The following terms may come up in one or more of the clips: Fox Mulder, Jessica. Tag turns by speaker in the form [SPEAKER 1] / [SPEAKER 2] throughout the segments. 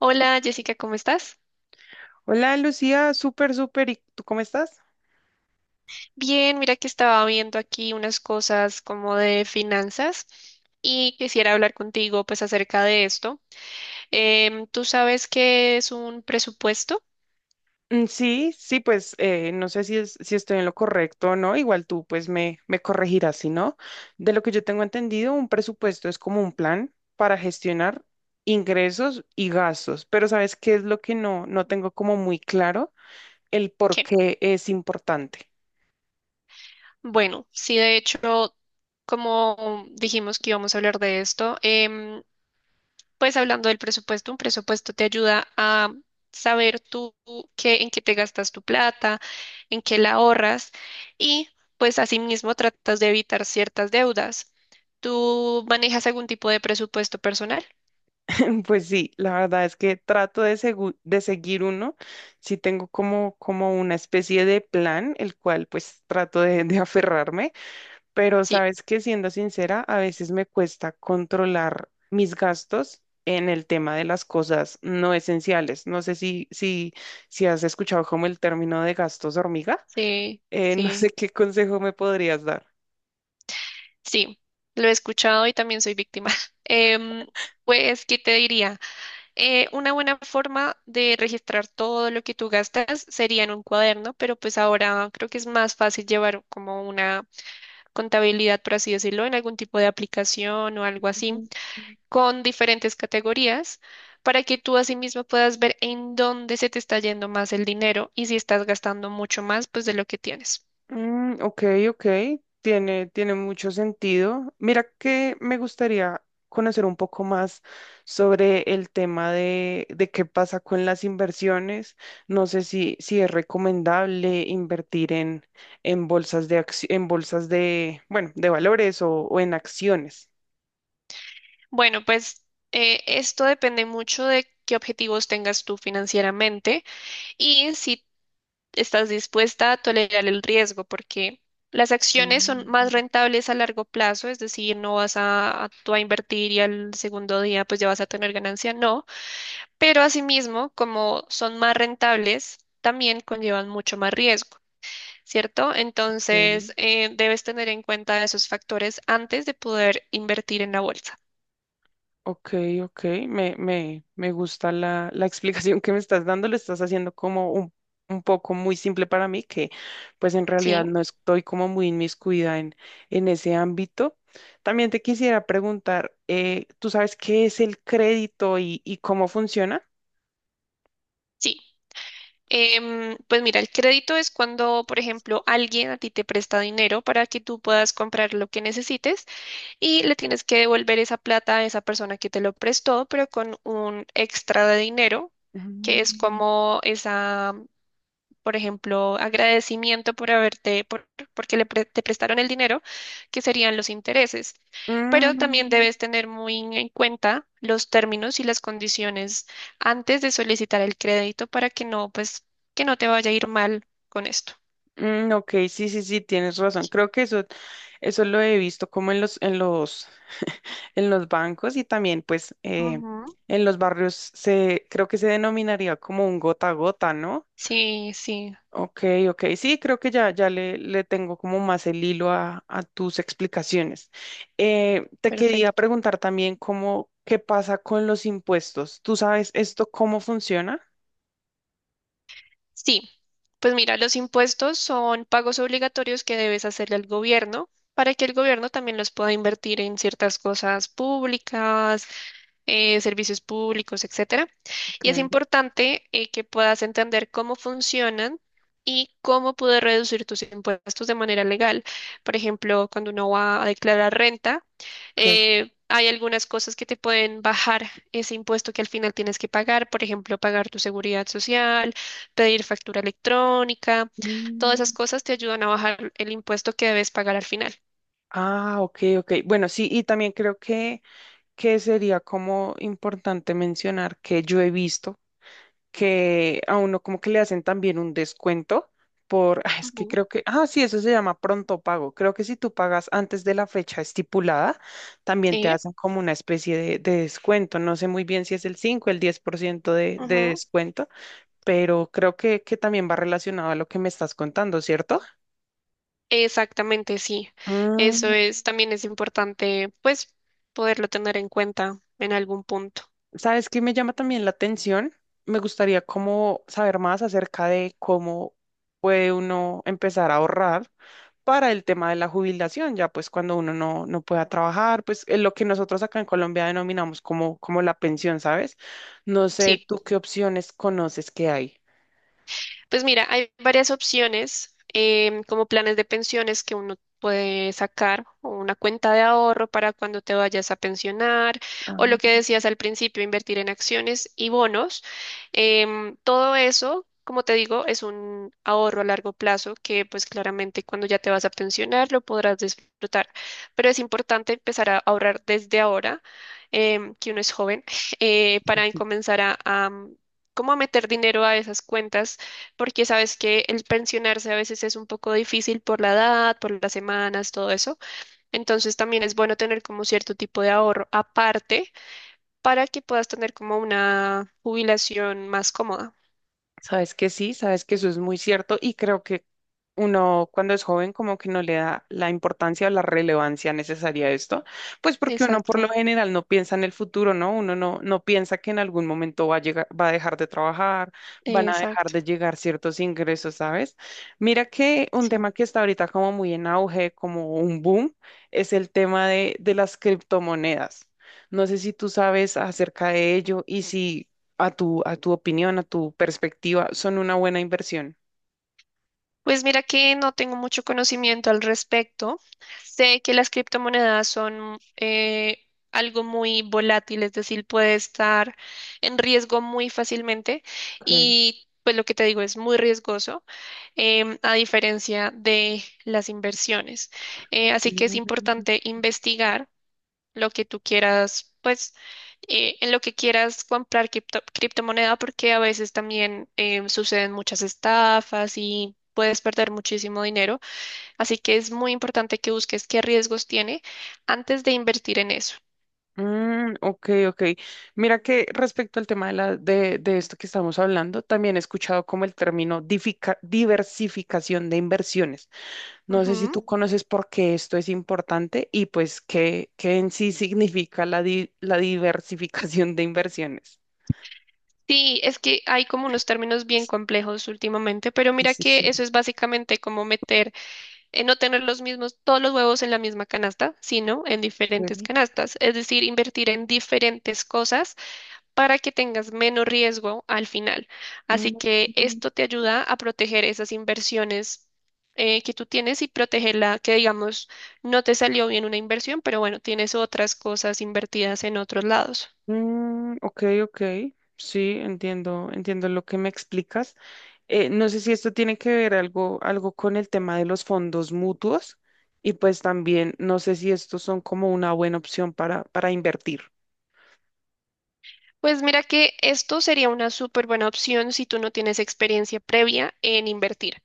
[SPEAKER 1] Hola Jessica, ¿cómo estás?
[SPEAKER 2] Hola Lucía, súper, súper. ¿Y tú cómo estás?
[SPEAKER 1] Bien, mira que estaba viendo aquí unas cosas como de finanzas y quisiera hablar contigo pues acerca de esto. ¿Tú sabes qué es un presupuesto?
[SPEAKER 2] Mm, sí, sí, pues no sé si estoy en lo correcto o no. Igual tú pues me corregirás, si no. De lo que yo tengo entendido, un presupuesto es como un plan para gestionar ingresos y gastos. Pero ¿sabes qué es lo que no tengo como muy claro? El por
[SPEAKER 1] ¿Qué?
[SPEAKER 2] qué es importante.
[SPEAKER 1] Bueno, sí, de hecho, como dijimos que íbamos a hablar de esto, pues hablando del presupuesto, un presupuesto te ayuda a saber tú qué, en qué te gastas tu plata, en qué la ahorras y pues asimismo tratas de evitar ciertas deudas. ¿Tú manejas algún tipo de presupuesto personal?
[SPEAKER 2] Pues sí, la verdad es que trato de seguir uno. Sí tengo como, como una especie de plan, el cual pues trato de aferrarme. Pero
[SPEAKER 1] Sí,
[SPEAKER 2] sabes que siendo sincera, a veces me cuesta controlar mis gastos en el tema de las cosas no esenciales. No sé si has escuchado como el término de gastos hormiga.
[SPEAKER 1] sí,
[SPEAKER 2] No sé
[SPEAKER 1] sí,
[SPEAKER 2] qué consejo me podrías dar.
[SPEAKER 1] sí. Lo he escuchado y también soy víctima. Em, pues, ¿qué te diría? Una buena forma de registrar todo lo que tú gastas sería en un cuaderno, pero pues ahora creo que es más fácil llevar como una contabilidad, por así decirlo, en algún tipo de aplicación o algo así,
[SPEAKER 2] Ujú.
[SPEAKER 1] con diferentes categorías, para que tú asimismo puedas ver en dónde se te está yendo más el dinero y si estás gastando mucho más, pues de lo que tienes.
[SPEAKER 2] Mm, ok, ok, tiene mucho sentido. Mira que me gustaría conocer un poco más sobre el tema de qué pasa con las inversiones. No sé si es recomendable invertir en bolsas de, bueno, de valores o en acciones.
[SPEAKER 1] Bueno, pues esto depende mucho de qué objetivos tengas tú financieramente y si estás dispuesta a tolerar el riesgo, porque las acciones son más
[SPEAKER 2] Mm,
[SPEAKER 1] rentables a largo plazo, es decir, no vas tú a invertir y al segundo día pues ya vas a tener ganancia, no, pero asimismo, como son más rentables, también conllevan mucho más riesgo, ¿cierto? Entonces,
[SPEAKER 2] ok.
[SPEAKER 1] debes tener en cuenta esos factores antes de poder invertir en la bolsa.
[SPEAKER 2] Ok, ok, me gusta la explicación que me estás dando, lo estás haciendo como un poco muy simple para mí, que pues en realidad
[SPEAKER 1] Sí,
[SPEAKER 2] no estoy como muy inmiscuida en ese ámbito. También te quisiera preguntar, ¿tú sabes qué es el crédito y cómo funciona?
[SPEAKER 1] sí. Pues mira, el crédito es cuando, por ejemplo, alguien a ti te presta dinero para que tú puedas comprar lo que necesites y le tienes que devolver esa plata a esa persona que te lo prestó, pero con un extra de dinero, que es
[SPEAKER 2] Mm.
[SPEAKER 1] como esa, por ejemplo, agradecimiento por haberte, porque te prestaron el dinero, que serían los intereses. Pero también
[SPEAKER 2] Mm,
[SPEAKER 1] debes tener muy en cuenta los términos y las condiciones antes de solicitar el crédito para que no, pues, que no te vaya a ir mal con esto.
[SPEAKER 2] mm, ok, sí, sí, sí, tienes razón. Creo que eso lo he visto como en los bancos y también pues
[SPEAKER 1] Ujú.
[SPEAKER 2] en los barrios creo que se denominaría como un gota a gota, ¿no?
[SPEAKER 1] Sí, sí,
[SPEAKER 2] Ok, ok, sí, creo que ya le tengo como más el hilo a tus explicaciones. Te quería
[SPEAKER 1] perfecto.
[SPEAKER 2] preguntar también qué pasa con los impuestos. ¿Tú sabes esto cómo funciona?
[SPEAKER 1] Sí, pues mira, los impuestos son pagos obligatorios que debes hacerle al gobierno para que el gobierno también los pueda invertir en ciertas cosas públicas, servicios públicos, etcétera. Y es
[SPEAKER 2] Okay,
[SPEAKER 1] importante, que puedas entender cómo funcionan y cómo poder reducir tus impuestos de manera legal. Por ejemplo, cuando uno va a declarar renta,
[SPEAKER 2] okay.
[SPEAKER 1] hay algunas cosas que te pueden bajar ese impuesto que al final tienes que pagar, por ejemplo, pagar tu seguridad social, pedir factura electrónica, todas
[SPEAKER 2] Mm.
[SPEAKER 1] esas cosas te ayudan a bajar el impuesto que debes pagar al final.
[SPEAKER 2] Ah, ok, ok. Bueno, sí, y también creo que sería como importante mencionar que yo he visto que a uno como que le hacen también un descuento es que
[SPEAKER 1] Ujú.
[SPEAKER 2] creo que, sí, eso se llama pronto pago. Creo que si tú pagas antes de la fecha estipulada, también te
[SPEAKER 1] Sí.
[SPEAKER 2] hacen como una especie de descuento. No sé muy bien si es el 5 el 10% de descuento, pero creo que también va relacionado a lo que me estás contando, ¿cierto?
[SPEAKER 1] Exactamente, sí. Eso
[SPEAKER 2] Mm,
[SPEAKER 1] es, también es importante, pues, poderlo tener en cuenta en algún punto.
[SPEAKER 2] ¿Sabes qué me llama también la atención? Me gustaría como saber más acerca de cómo puede uno empezar a ahorrar para el tema de la jubilación, ya pues cuando uno no pueda trabajar, pues es lo que nosotros acá en Colombia denominamos como la pensión, ¿sabes? No sé,
[SPEAKER 1] Sí.
[SPEAKER 2] ¿tú qué opciones conoces que hay?
[SPEAKER 1] Pues mira, hay varias opciones, como planes de pensiones que uno puede sacar, o una cuenta de ahorro para cuando te vayas a pensionar,
[SPEAKER 2] Ah,
[SPEAKER 1] o lo que decías al principio, invertir en acciones y bonos. Todo eso, como te digo, es un ahorro a largo plazo que pues claramente cuando ya te vas a pensionar lo podrás disfrutar. Pero es importante empezar a ahorrar desde ahora, que uno es joven, para comenzar a, como a meter dinero a esas cuentas porque sabes que el pensionarse a veces es un poco difícil por la edad, por las semanas, todo eso. Entonces también es bueno tener como cierto tipo de ahorro aparte para que puedas tener como una jubilación más cómoda.
[SPEAKER 2] sabes que sí, sabes que eso es muy cierto y creo que uno cuando es joven como que no le da la importancia o la relevancia necesaria a esto, pues porque uno por lo
[SPEAKER 1] Exacto,
[SPEAKER 2] general no piensa en el futuro, ¿no? Uno no piensa que en algún momento va a llegar, va a dejar de trabajar, van a dejar
[SPEAKER 1] exacto.
[SPEAKER 2] de llegar ciertos ingresos, ¿sabes? Mira que un
[SPEAKER 1] Sí.
[SPEAKER 2] tema que está ahorita como muy en auge, como un boom, es el tema de las criptomonedas. No sé si tú sabes acerca de ello y si a tu opinión, a tu perspectiva, son una buena inversión.
[SPEAKER 1] Pues mira que no tengo mucho conocimiento al respecto. Sé que las criptomonedas son, algo muy volátil, es decir, puede estar en riesgo muy fácilmente
[SPEAKER 2] Okay.
[SPEAKER 1] y pues lo que te digo es muy riesgoso, a diferencia de las inversiones. Así que es
[SPEAKER 2] Mm,
[SPEAKER 1] importante investigar lo que tú quieras, pues en lo que quieras comprar criptomoneda, porque a veces también suceden muchas estafas y puedes perder muchísimo dinero. Así que es muy importante que busques qué riesgos tiene antes de invertir en eso.
[SPEAKER 2] mm, ok, ok. Mira que respecto al tema de esto que estamos hablando, también he escuchado como el término diversificación de inversiones. No sé si
[SPEAKER 1] Ujú.
[SPEAKER 2] tú conoces por qué esto es importante y pues qué en sí significa la diversificación de inversiones.
[SPEAKER 1] Sí, es que hay como unos términos bien complejos últimamente, pero
[SPEAKER 2] Sí,
[SPEAKER 1] mira
[SPEAKER 2] sí, sí.
[SPEAKER 1] que eso es básicamente como meter, no tener los mismos, todos los huevos en la misma canasta, sino en diferentes
[SPEAKER 2] Ok.
[SPEAKER 1] canastas, es decir, invertir en diferentes cosas para que tengas menos riesgo al final. Así que
[SPEAKER 2] Mm,
[SPEAKER 1] esto te ayuda a proteger esas inversiones, que tú tienes y protegerla, que digamos, no te salió bien una inversión, pero bueno, tienes otras cosas invertidas en otros lados.
[SPEAKER 2] mm, ok, ok. Sí, entiendo, entiendo lo que me explicas. No sé si esto tiene que ver algo con el tema de los fondos mutuos y pues también no sé si estos son como una buena opción para invertir.
[SPEAKER 1] Pues mira que esto sería una súper buena opción si tú no tienes experiencia previa en invertir.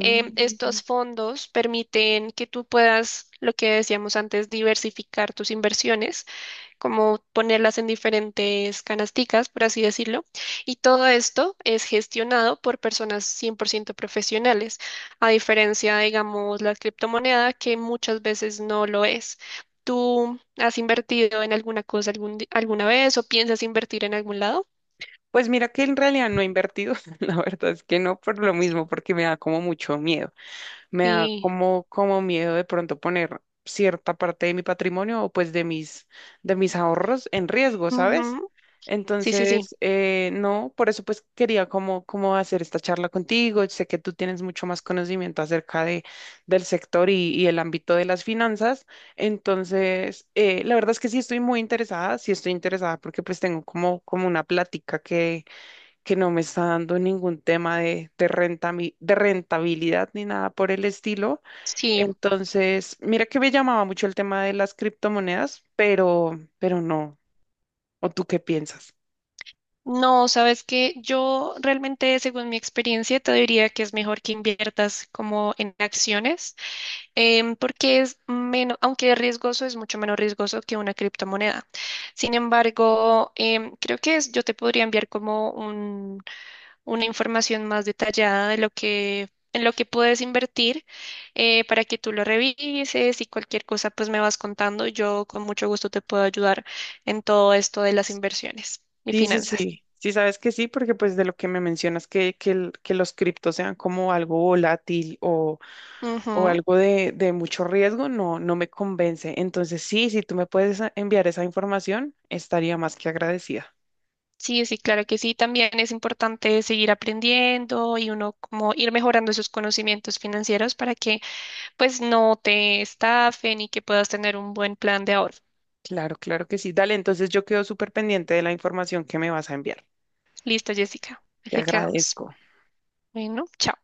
[SPEAKER 1] Estos fondos permiten que tú puedas, lo que decíamos antes, diversificar tus inversiones como ponerlas en diferentes canasticas, por así decirlo. Y todo esto es gestionado por personas 100% profesionales, a diferencia, digamos, la criptomoneda, que muchas veces no lo es. ¿Tú has invertido en alguna cosa alguna vez o piensas invertir en algún lado?
[SPEAKER 2] Pues mira que en realidad no he invertido, la verdad es que no por lo mismo, porque me da como mucho miedo. Me da
[SPEAKER 1] Sí.
[SPEAKER 2] como miedo de pronto poner cierta parte de mi patrimonio o pues de mis ahorros en riesgo, ¿sabes?
[SPEAKER 1] Ujú. Sí, sí, sí.
[SPEAKER 2] Entonces, no, por eso pues quería como hacer esta charla contigo. Sé que tú tienes mucho más conocimiento acerca del sector y el ámbito de las finanzas. Entonces, la verdad es que sí estoy muy interesada, sí estoy interesada porque pues tengo como una plática que no me está dando ningún tema de rentabilidad ni nada por el estilo.
[SPEAKER 1] Sí.
[SPEAKER 2] Entonces, mira que me llamaba mucho el tema de las criptomonedas, pero no. ¿O tú qué piensas?
[SPEAKER 1] No, sabes que yo realmente, según mi experiencia, te diría que es mejor que inviertas como en acciones, porque es menos, aunque es riesgoso, es mucho menos riesgoso que una criptomoneda. Sin embargo, creo que es, yo te podría enviar como una información más detallada de lo que, en lo que puedes invertir, para que tú lo revises y cualquier cosa, pues me vas contando. Yo con mucho gusto te puedo ayudar en todo esto de las inversiones y
[SPEAKER 2] Sí, sí,
[SPEAKER 1] finanzas.
[SPEAKER 2] sí. Sí, sabes que sí, porque pues de lo que me mencionas, que los criptos sean como algo volátil o
[SPEAKER 1] Ujú.
[SPEAKER 2] algo de mucho riesgo, no, no me convence. Entonces, sí, si tú me puedes enviar esa información, estaría más que agradecida.
[SPEAKER 1] Sí, sí, claro que sí. También es importante seguir aprendiendo y uno como ir mejorando esos conocimientos financieros para que pues no te estafen y que puedas tener un buen plan de ahorro.
[SPEAKER 2] Claro, claro que sí. Dale, entonces yo quedo súper pendiente de la información que me vas a enviar.
[SPEAKER 1] Listo, Jessica.
[SPEAKER 2] Te
[SPEAKER 1] Así quedamos.
[SPEAKER 2] agradezco.
[SPEAKER 1] Bueno, chao.